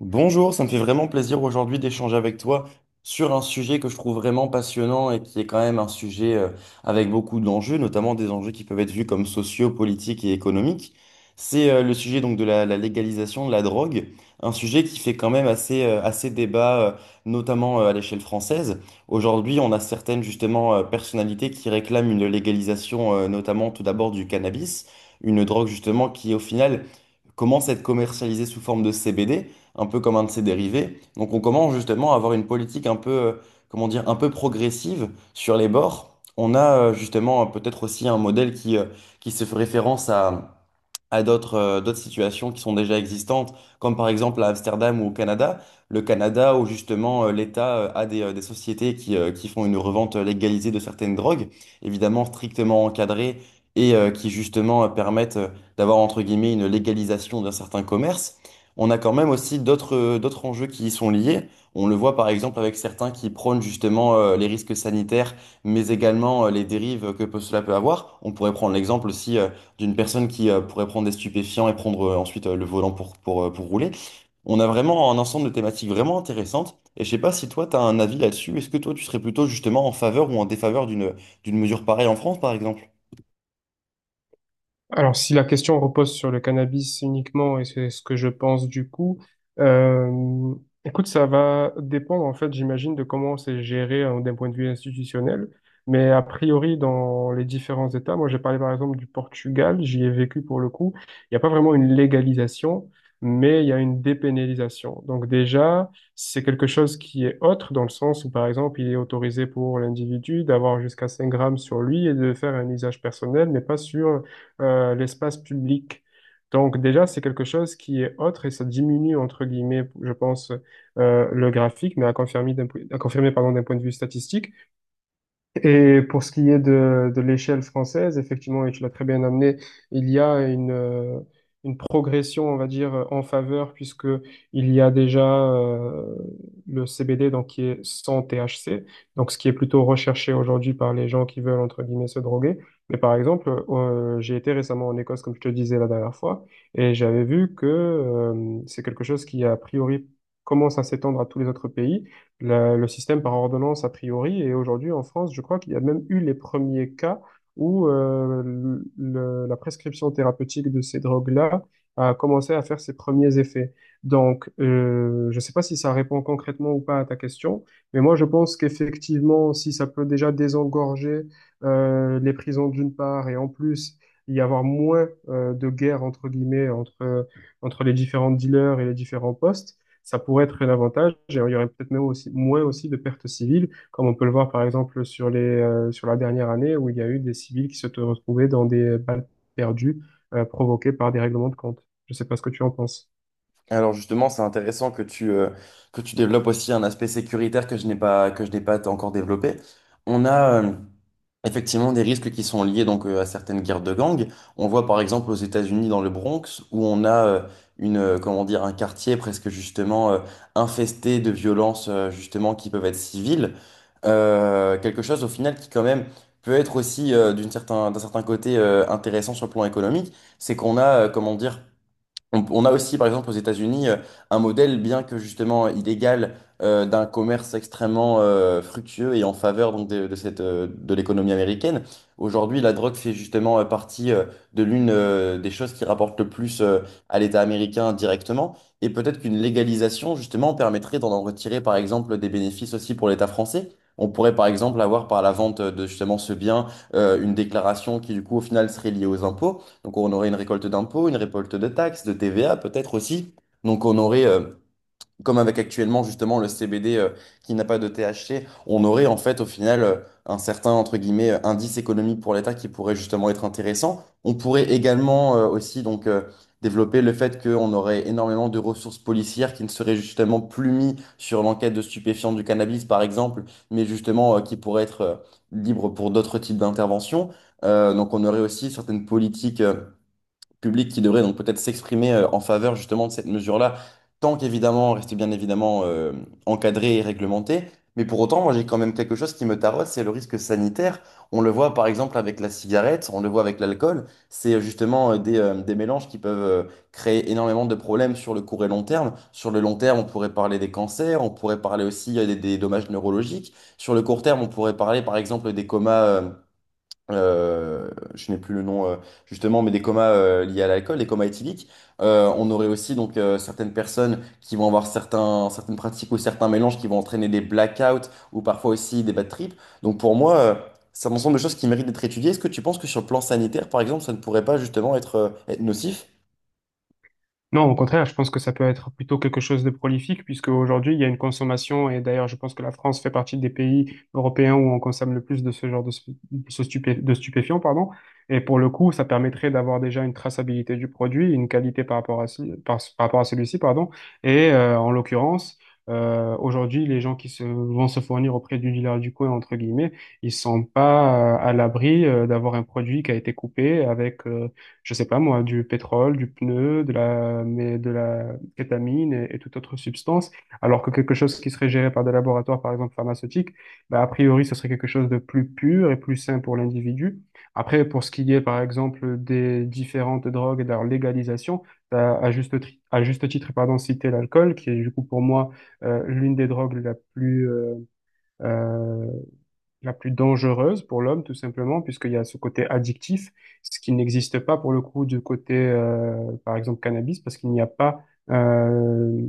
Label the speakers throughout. Speaker 1: Bonjour, ça me fait vraiment plaisir aujourd'hui d'échanger avec toi sur un sujet que je trouve vraiment passionnant et qui est quand même un sujet avec beaucoup d'enjeux, notamment des enjeux qui peuvent être vus comme sociaux, politiques et économiques. C'est le sujet donc de la légalisation de la drogue, un sujet qui fait quand même assez, assez débat, notamment à l'échelle française. Aujourd'hui, on a certaines justement personnalités qui réclament une légalisation, notamment tout d'abord du cannabis, une drogue justement qui au final commence à être commercialisée sous forme de CBD un peu comme un de ses dérivés. Donc on commence justement à avoir une politique un peu, comment dire, un peu progressive sur les bords. On a justement peut-être aussi un modèle qui se fait référence à d'autres d'autres situations qui sont déjà existantes, comme par exemple à Amsterdam ou au Canada. Le Canada, où justement l'État a des sociétés qui font une revente légalisée de certaines drogues, évidemment strictement encadrées, et qui justement permettent d'avoir entre guillemets une légalisation d'un certain commerce. On a quand même aussi d'autres enjeux qui y sont liés. On le voit par exemple avec certains qui prônent justement les risques sanitaires, mais également les dérives que cela peut avoir. On pourrait prendre l'exemple aussi d'une personne qui pourrait prendre des stupéfiants et prendre ensuite le volant pour rouler. On a vraiment un ensemble de thématiques vraiment intéressantes. Et je sais pas si toi, tu as un avis là-dessus. Est-ce que toi, tu serais plutôt justement en faveur ou en défaveur d'une d'une mesure pareille en France, par exemple?
Speaker 2: Alors, si la question repose sur le cannabis uniquement, et c'est ce que je pense du coup, euh, écoute, ça va dépendre en fait, j'imagine, de comment c'est géré d'un point de vue institutionnel. Mais a priori, dans les différents États, moi j'ai parlé par exemple du Portugal, j'y ai vécu pour le coup, il n'y a pas vraiment une légalisation, mais il y a une dépénalisation. Donc déjà, c'est quelque chose qui est autre dans le sens où par exemple, il est autorisé pour l'individu d'avoir jusqu'à 5 grammes sur lui et de faire un usage personnel, mais pas sur l'espace public. Donc déjà, c'est quelque chose qui est autre et ça diminue, entre guillemets, je pense, le graphique, mais à confirmer à confirmer, pardon, d'un point de vue statistique. Et pour ce qui est de l'échelle française, effectivement, et tu l'as très bien amené, il y a une progression, on va dire, en faveur, puisque il y a déjà le CBD, donc qui est sans THC, donc ce qui est plutôt recherché aujourd'hui par les gens qui veulent, entre guillemets, se droguer. Mais par exemple, j'ai été récemment en Écosse, comme je te disais la dernière fois, et j'avais vu que c'est quelque chose qui, a priori, commence à s'étendre à tous les autres pays le système par ordonnance a priori. Et aujourd'hui, en France, je crois qu'il y a même eu les premiers cas où la prescription thérapeutique de ces drogues-là a commencé à faire ses premiers effets. Donc, je ne sais pas si ça répond concrètement ou pas à ta question, mais moi, je pense qu'effectivement, si ça peut déjà désengorger les prisons d'une part, et en plus, y avoir moins de guerre, entre guillemets, entre les différents dealers et les différents postes, ça pourrait être un avantage et il y aurait peut-être même aussi, moins aussi de pertes civiles, comme on peut le voir par exemple sur la dernière année où il y a eu des civils qui se sont retrouvés dans des balles perdues, provoquées par des règlements de compte. Je sais pas ce que tu en penses.
Speaker 1: Alors justement, c'est intéressant que que tu développes aussi un aspect sécuritaire que je n'ai pas encore développé. On a effectivement des risques qui sont liés donc à certaines guerres de gangs. On voit par exemple aux États-Unis dans le Bronx où on a une comment dire un quartier presque justement infesté de violences justement qui peuvent être civiles. Quelque chose au final qui quand même peut être aussi d'un certain côté intéressant sur le plan économique, c'est qu'on a comment dire on a aussi, par exemple, aux États-Unis, un modèle, bien que justement illégal, d'un commerce extrêmement fructueux et en faveur donc, de cette, de l'économie américaine. Aujourd'hui, la drogue fait justement partie de l'une des choses qui rapportent le plus à l'État américain directement. Et peut-être qu'une légalisation, justement, permettrait d'en retirer, par exemple, des bénéfices aussi pour l'État français. On pourrait, par exemple, avoir par la vente de justement ce bien une déclaration qui, du coup, au final, serait liée aux impôts. Donc on aurait une récolte d'impôts, une récolte de taxes, de TVA peut-être aussi. Donc on aurait, comme avec actuellement justement le CBD qui n'a pas de THC, on aurait en fait au final un certain entre guillemets indice économique pour l'État qui pourrait justement être intéressant. On pourrait également aussi donc développer le fait qu'on aurait énormément de ressources policières qui ne seraient justement plus mises sur l'enquête de stupéfiants du cannabis par exemple, mais justement qui pourraient être libres pour d'autres types d'interventions. Donc on aurait aussi certaines politiques. Public qui devrait donc peut-être s'exprimer en faveur justement de cette mesure-là, tant qu'évidemment, reste bien évidemment encadré et réglementé. Mais pour autant, moi j'ai quand même quelque chose qui me taraude, c'est le risque sanitaire. On le voit par exemple avec la cigarette, on le voit avec l'alcool. C'est justement des mélanges qui peuvent créer énormément de problèmes sur le court et long terme. Sur le long terme, on pourrait parler des cancers, on pourrait parler aussi des dommages neurologiques. Sur le court terme, on pourrait parler par exemple des comas. Euh, je n'ai plus le nom justement, mais des comas liés à l'alcool, des comas éthyliques. On aurait aussi donc certaines personnes qui vont avoir certaines pratiques ou certains mélanges qui vont entraîner des blackouts ou parfois aussi des bad trips. Donc pour moi, c'est un ensemble de choses qui méritent d'être étudiées. Est-ce que tu penses que sur le plan sanitaire, par exemple, ça ne pourrait pas justement être nocif?
Speaker 2: Non, au contraire, je pense que ça peut être plutôt quelque chose de prolifique, puisque aujourd'hui, il y a une consommation, et d'ailleurs, je pense que la France fait partie des pays européens où on consomme le plus de ce genre de, stu- de ce stupé- de stupéfiants, pardon. Et pour le coup, ça permettrait d'avoir déjà une traçabilité du produit, une qualité par rapport à celui-ci, pardon. Et en l'occurrence, aujourd'hui, les gens qui vont se fournir auprès du dealer du coin, entre guillemets, ils sont pas à l'abri d'avoir un produit qui a été coupé avec je sais pas moi, du pétrole, du pneu, de la kétamine et toute autre substance, alors que quelque chose qui serait géré par des laboratoires, par exemple pharmaceutiques, bah, a priori, ce serait quelque chose de plus pur et plus sain pour l'individu. Après, pour ce qui est, par exemple, des différentes drogues et de leur légalisation, t'as à juste titre, pardon, cité l'alcool, qui est du coup pour moi l'une des drogues euh, la plus dangereuse pour l'homme, tout simplement, puisqu'il y a ce côté addictif, ce qui n'existe pas pour le coup du côté, par exemple, cannabis, parce qu'il n'y a pas euh,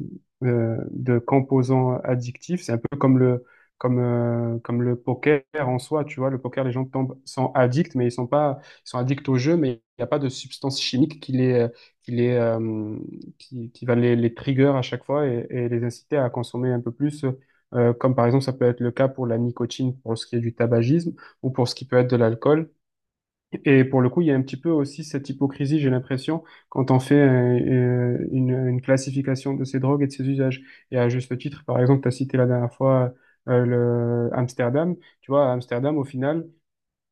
Speaker 2: de composants addictifs. C'est un peu comme le poker en soi, tu vois. Le poker, les gens tombent, sont addicts, mais ils sont pas, ils sont addicts au jeu, mais il n'y a pas de substance chimique qui les, euh, qui va les trigger à chaque fois et les inciter à consommer un peu plus. Comme par exemple ça peut être le cas pour la nicotine, pour ce qui est du tabagisme ou pour ce qui peut être de l'alcool. Et pour le coup, il y a un petit peu aussi cette hypocrisie, j'ai l'impression, quand on fait une classification de ces drogues et de ces usages. Et à juste titre, par exemple, tu as cité la dernière fois le Amsterdam. Tu vois, à Amsterdam, au final,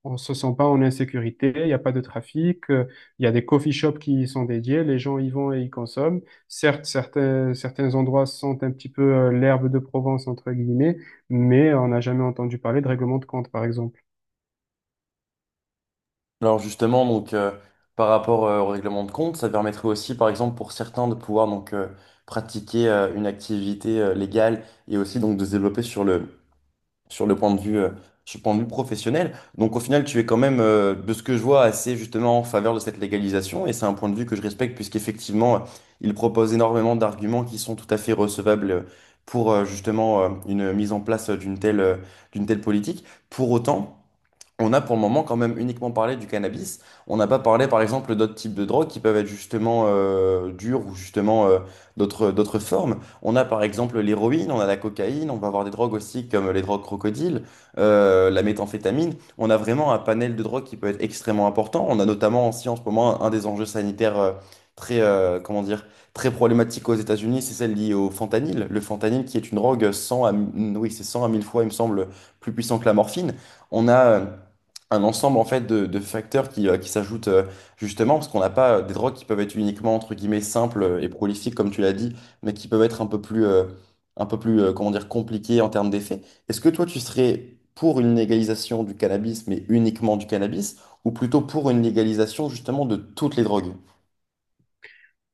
Speaker 2: on se sent pas en insécurité, il n'y a pas de trafic, il y a des coffee shops qui y sont dédiés, les gens y vont et y consomment. Certes, certains endroits sentent un petit peu l'herbe de Provence, entre guillemets, mais on n'a jamais entendu parler de règlement de compte, par exemple.
Speaker 1: Alors justement, donc par rapport au règlement de compte, ça permettrait aussi, par exemple, pour certains de pouvoir donc pratiquer une activité légale et aussi donc de se développer sur le point de sur le point de vue professionnel. Donc au final, tu es quand même, de ce que je vois, assez justement en faveur de cette légalisation. Et c'est un point de vue que je respecte puisqu'effectivement, il propose énormément d'arguments qui sont tout à fait recevables pour justement une mise en place d'une telle politique. Pour autant... on a pour le moment quand même uniquement parlé du cannabis. On n'a pas parlé par exemple d'autres types de drogues qui peuvent être justement dures ou justement d'autres formes. On a par exemple l'héroïne, on a la cocaïne, on va avoir des drogues aussi comme les drogues crocodiles, la méthamphétamine. On a vraiment un panel de drogues qui peut être extrêmement important. On a notamment aussi en ce moment un des enjeux sanitaires très comment dire très problématique aux États-Unis, c'est celle liée au fentanyl. Le fentanyl qui est une drogue c'est 100 à 1000 fois il me semble plus puissant que la morphine. On a un ensemble en fait de facteurs qui s'ajoutent justement parce qu'on n'a pas des drogues qui peuvent être uniquement entre guillemets simples et prolifiques comme tu l'as dit, mais qui peuvent être un peu plus comment dire compliquées en termes d'effets. Est-ce que toi tu serais pour une légalisation du cannabis mais uniquement du cannabis ou plutôt pour une légalisation justement de toutes les drogues?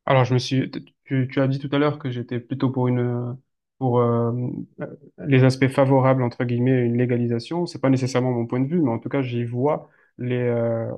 Speaker 2: Alors, tu as dit tout à l'heure que j'étais plutôt pour euh, les aspects favorables, entre guillemets, à une légalisation. C'est pas nécessairement mon point de vue, mais en tout cas, j'y vois les, euh,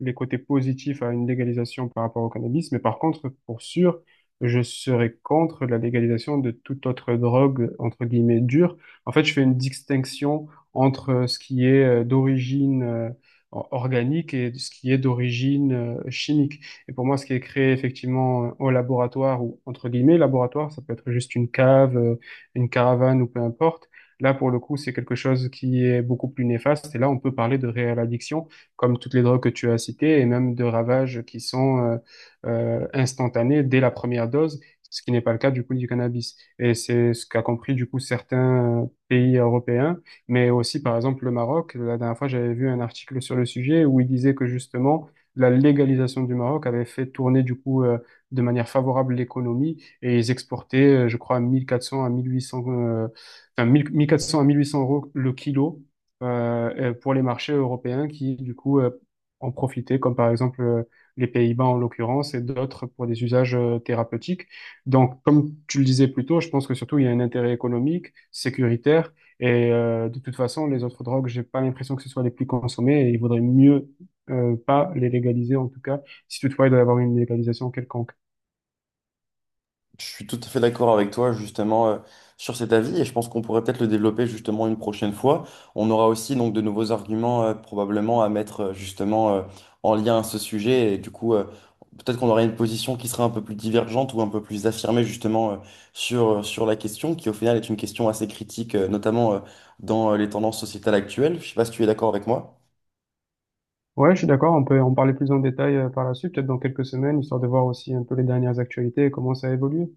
Speaker 2: les côtés positifs à une légalisation par rapport au cannabis, mais par contre, pour sûr, je serais contre la légalisation de toute autre drogue, entre guillemets, dure. En fait, je fais une distinction entre ce qui est d'origine organique et ce qui est d'origine chimique. Et pour moi, ce qui est créé effectivement au laboratoire, ou entre guillemets laboratoire, ça peut être juste une cave, une caravane ou peu importe. Là, pour le coup, c'est quelque chose qui est beaucoup plus néfaste. Et là, on peut parler de réelle addiction comme toutes les drogues que tu as citées, et même de ravages qui sont instantanés dès la première dose, ce qui n'est pas le cas du coup du cannabis. Et c'est ce qu'a compris du coup certains pays européens, mais aussi par exemple le Maroc. La dernière fois, j'avais vu un article sur le sujet où il disait que justement la légalisation du Maroc avait fait tourner du coup de manière favorable l'économie et ils exportaient, je crois, 1400 à 1800, enfin 1000 1400 à 1800 € le kilo pour les marchés européens qui, du coup, en profitaient, comme par exemple les Pays-Bas en l'occurrence, et d'autres pour des usages thérapeutiques. Donc, comme tu le disais plus tôt, je pense que surtout il y a un intérêt économique, sécuritaire, et de toute façon, les autres drogues, j'ai pas l'impression que ce soit les plus consommées, et il vaudrait mieux pas les légaliser, en tout cas, si toutefois il doit y avoir une légalisation quelconque.
Speaker 1: Je suis tout à fait d'accord avec toi justement sur cet avis et je pense qu'on pourrait peut-être le développer justement une prochaine fois. On aura aussi donc de nouveaux arguments probablement à mettre justement en lien à ce sujet et du coup peut-être qu'on aura une position qui sera un peu plus divergente ou un peu plus affirmée justement sur, sur la question qui au final est une question assez critique notamment dans les tendances sociétales actuelles. Je sais pas si tu es d'accord avec moi.
Speaker 2: Ouais, je suis d'accord, on peut en parler plus en détail par la suite, peut-être dans quelques semaines, histoire de voir aussi un peu les dernières actualités et comment ça évolue.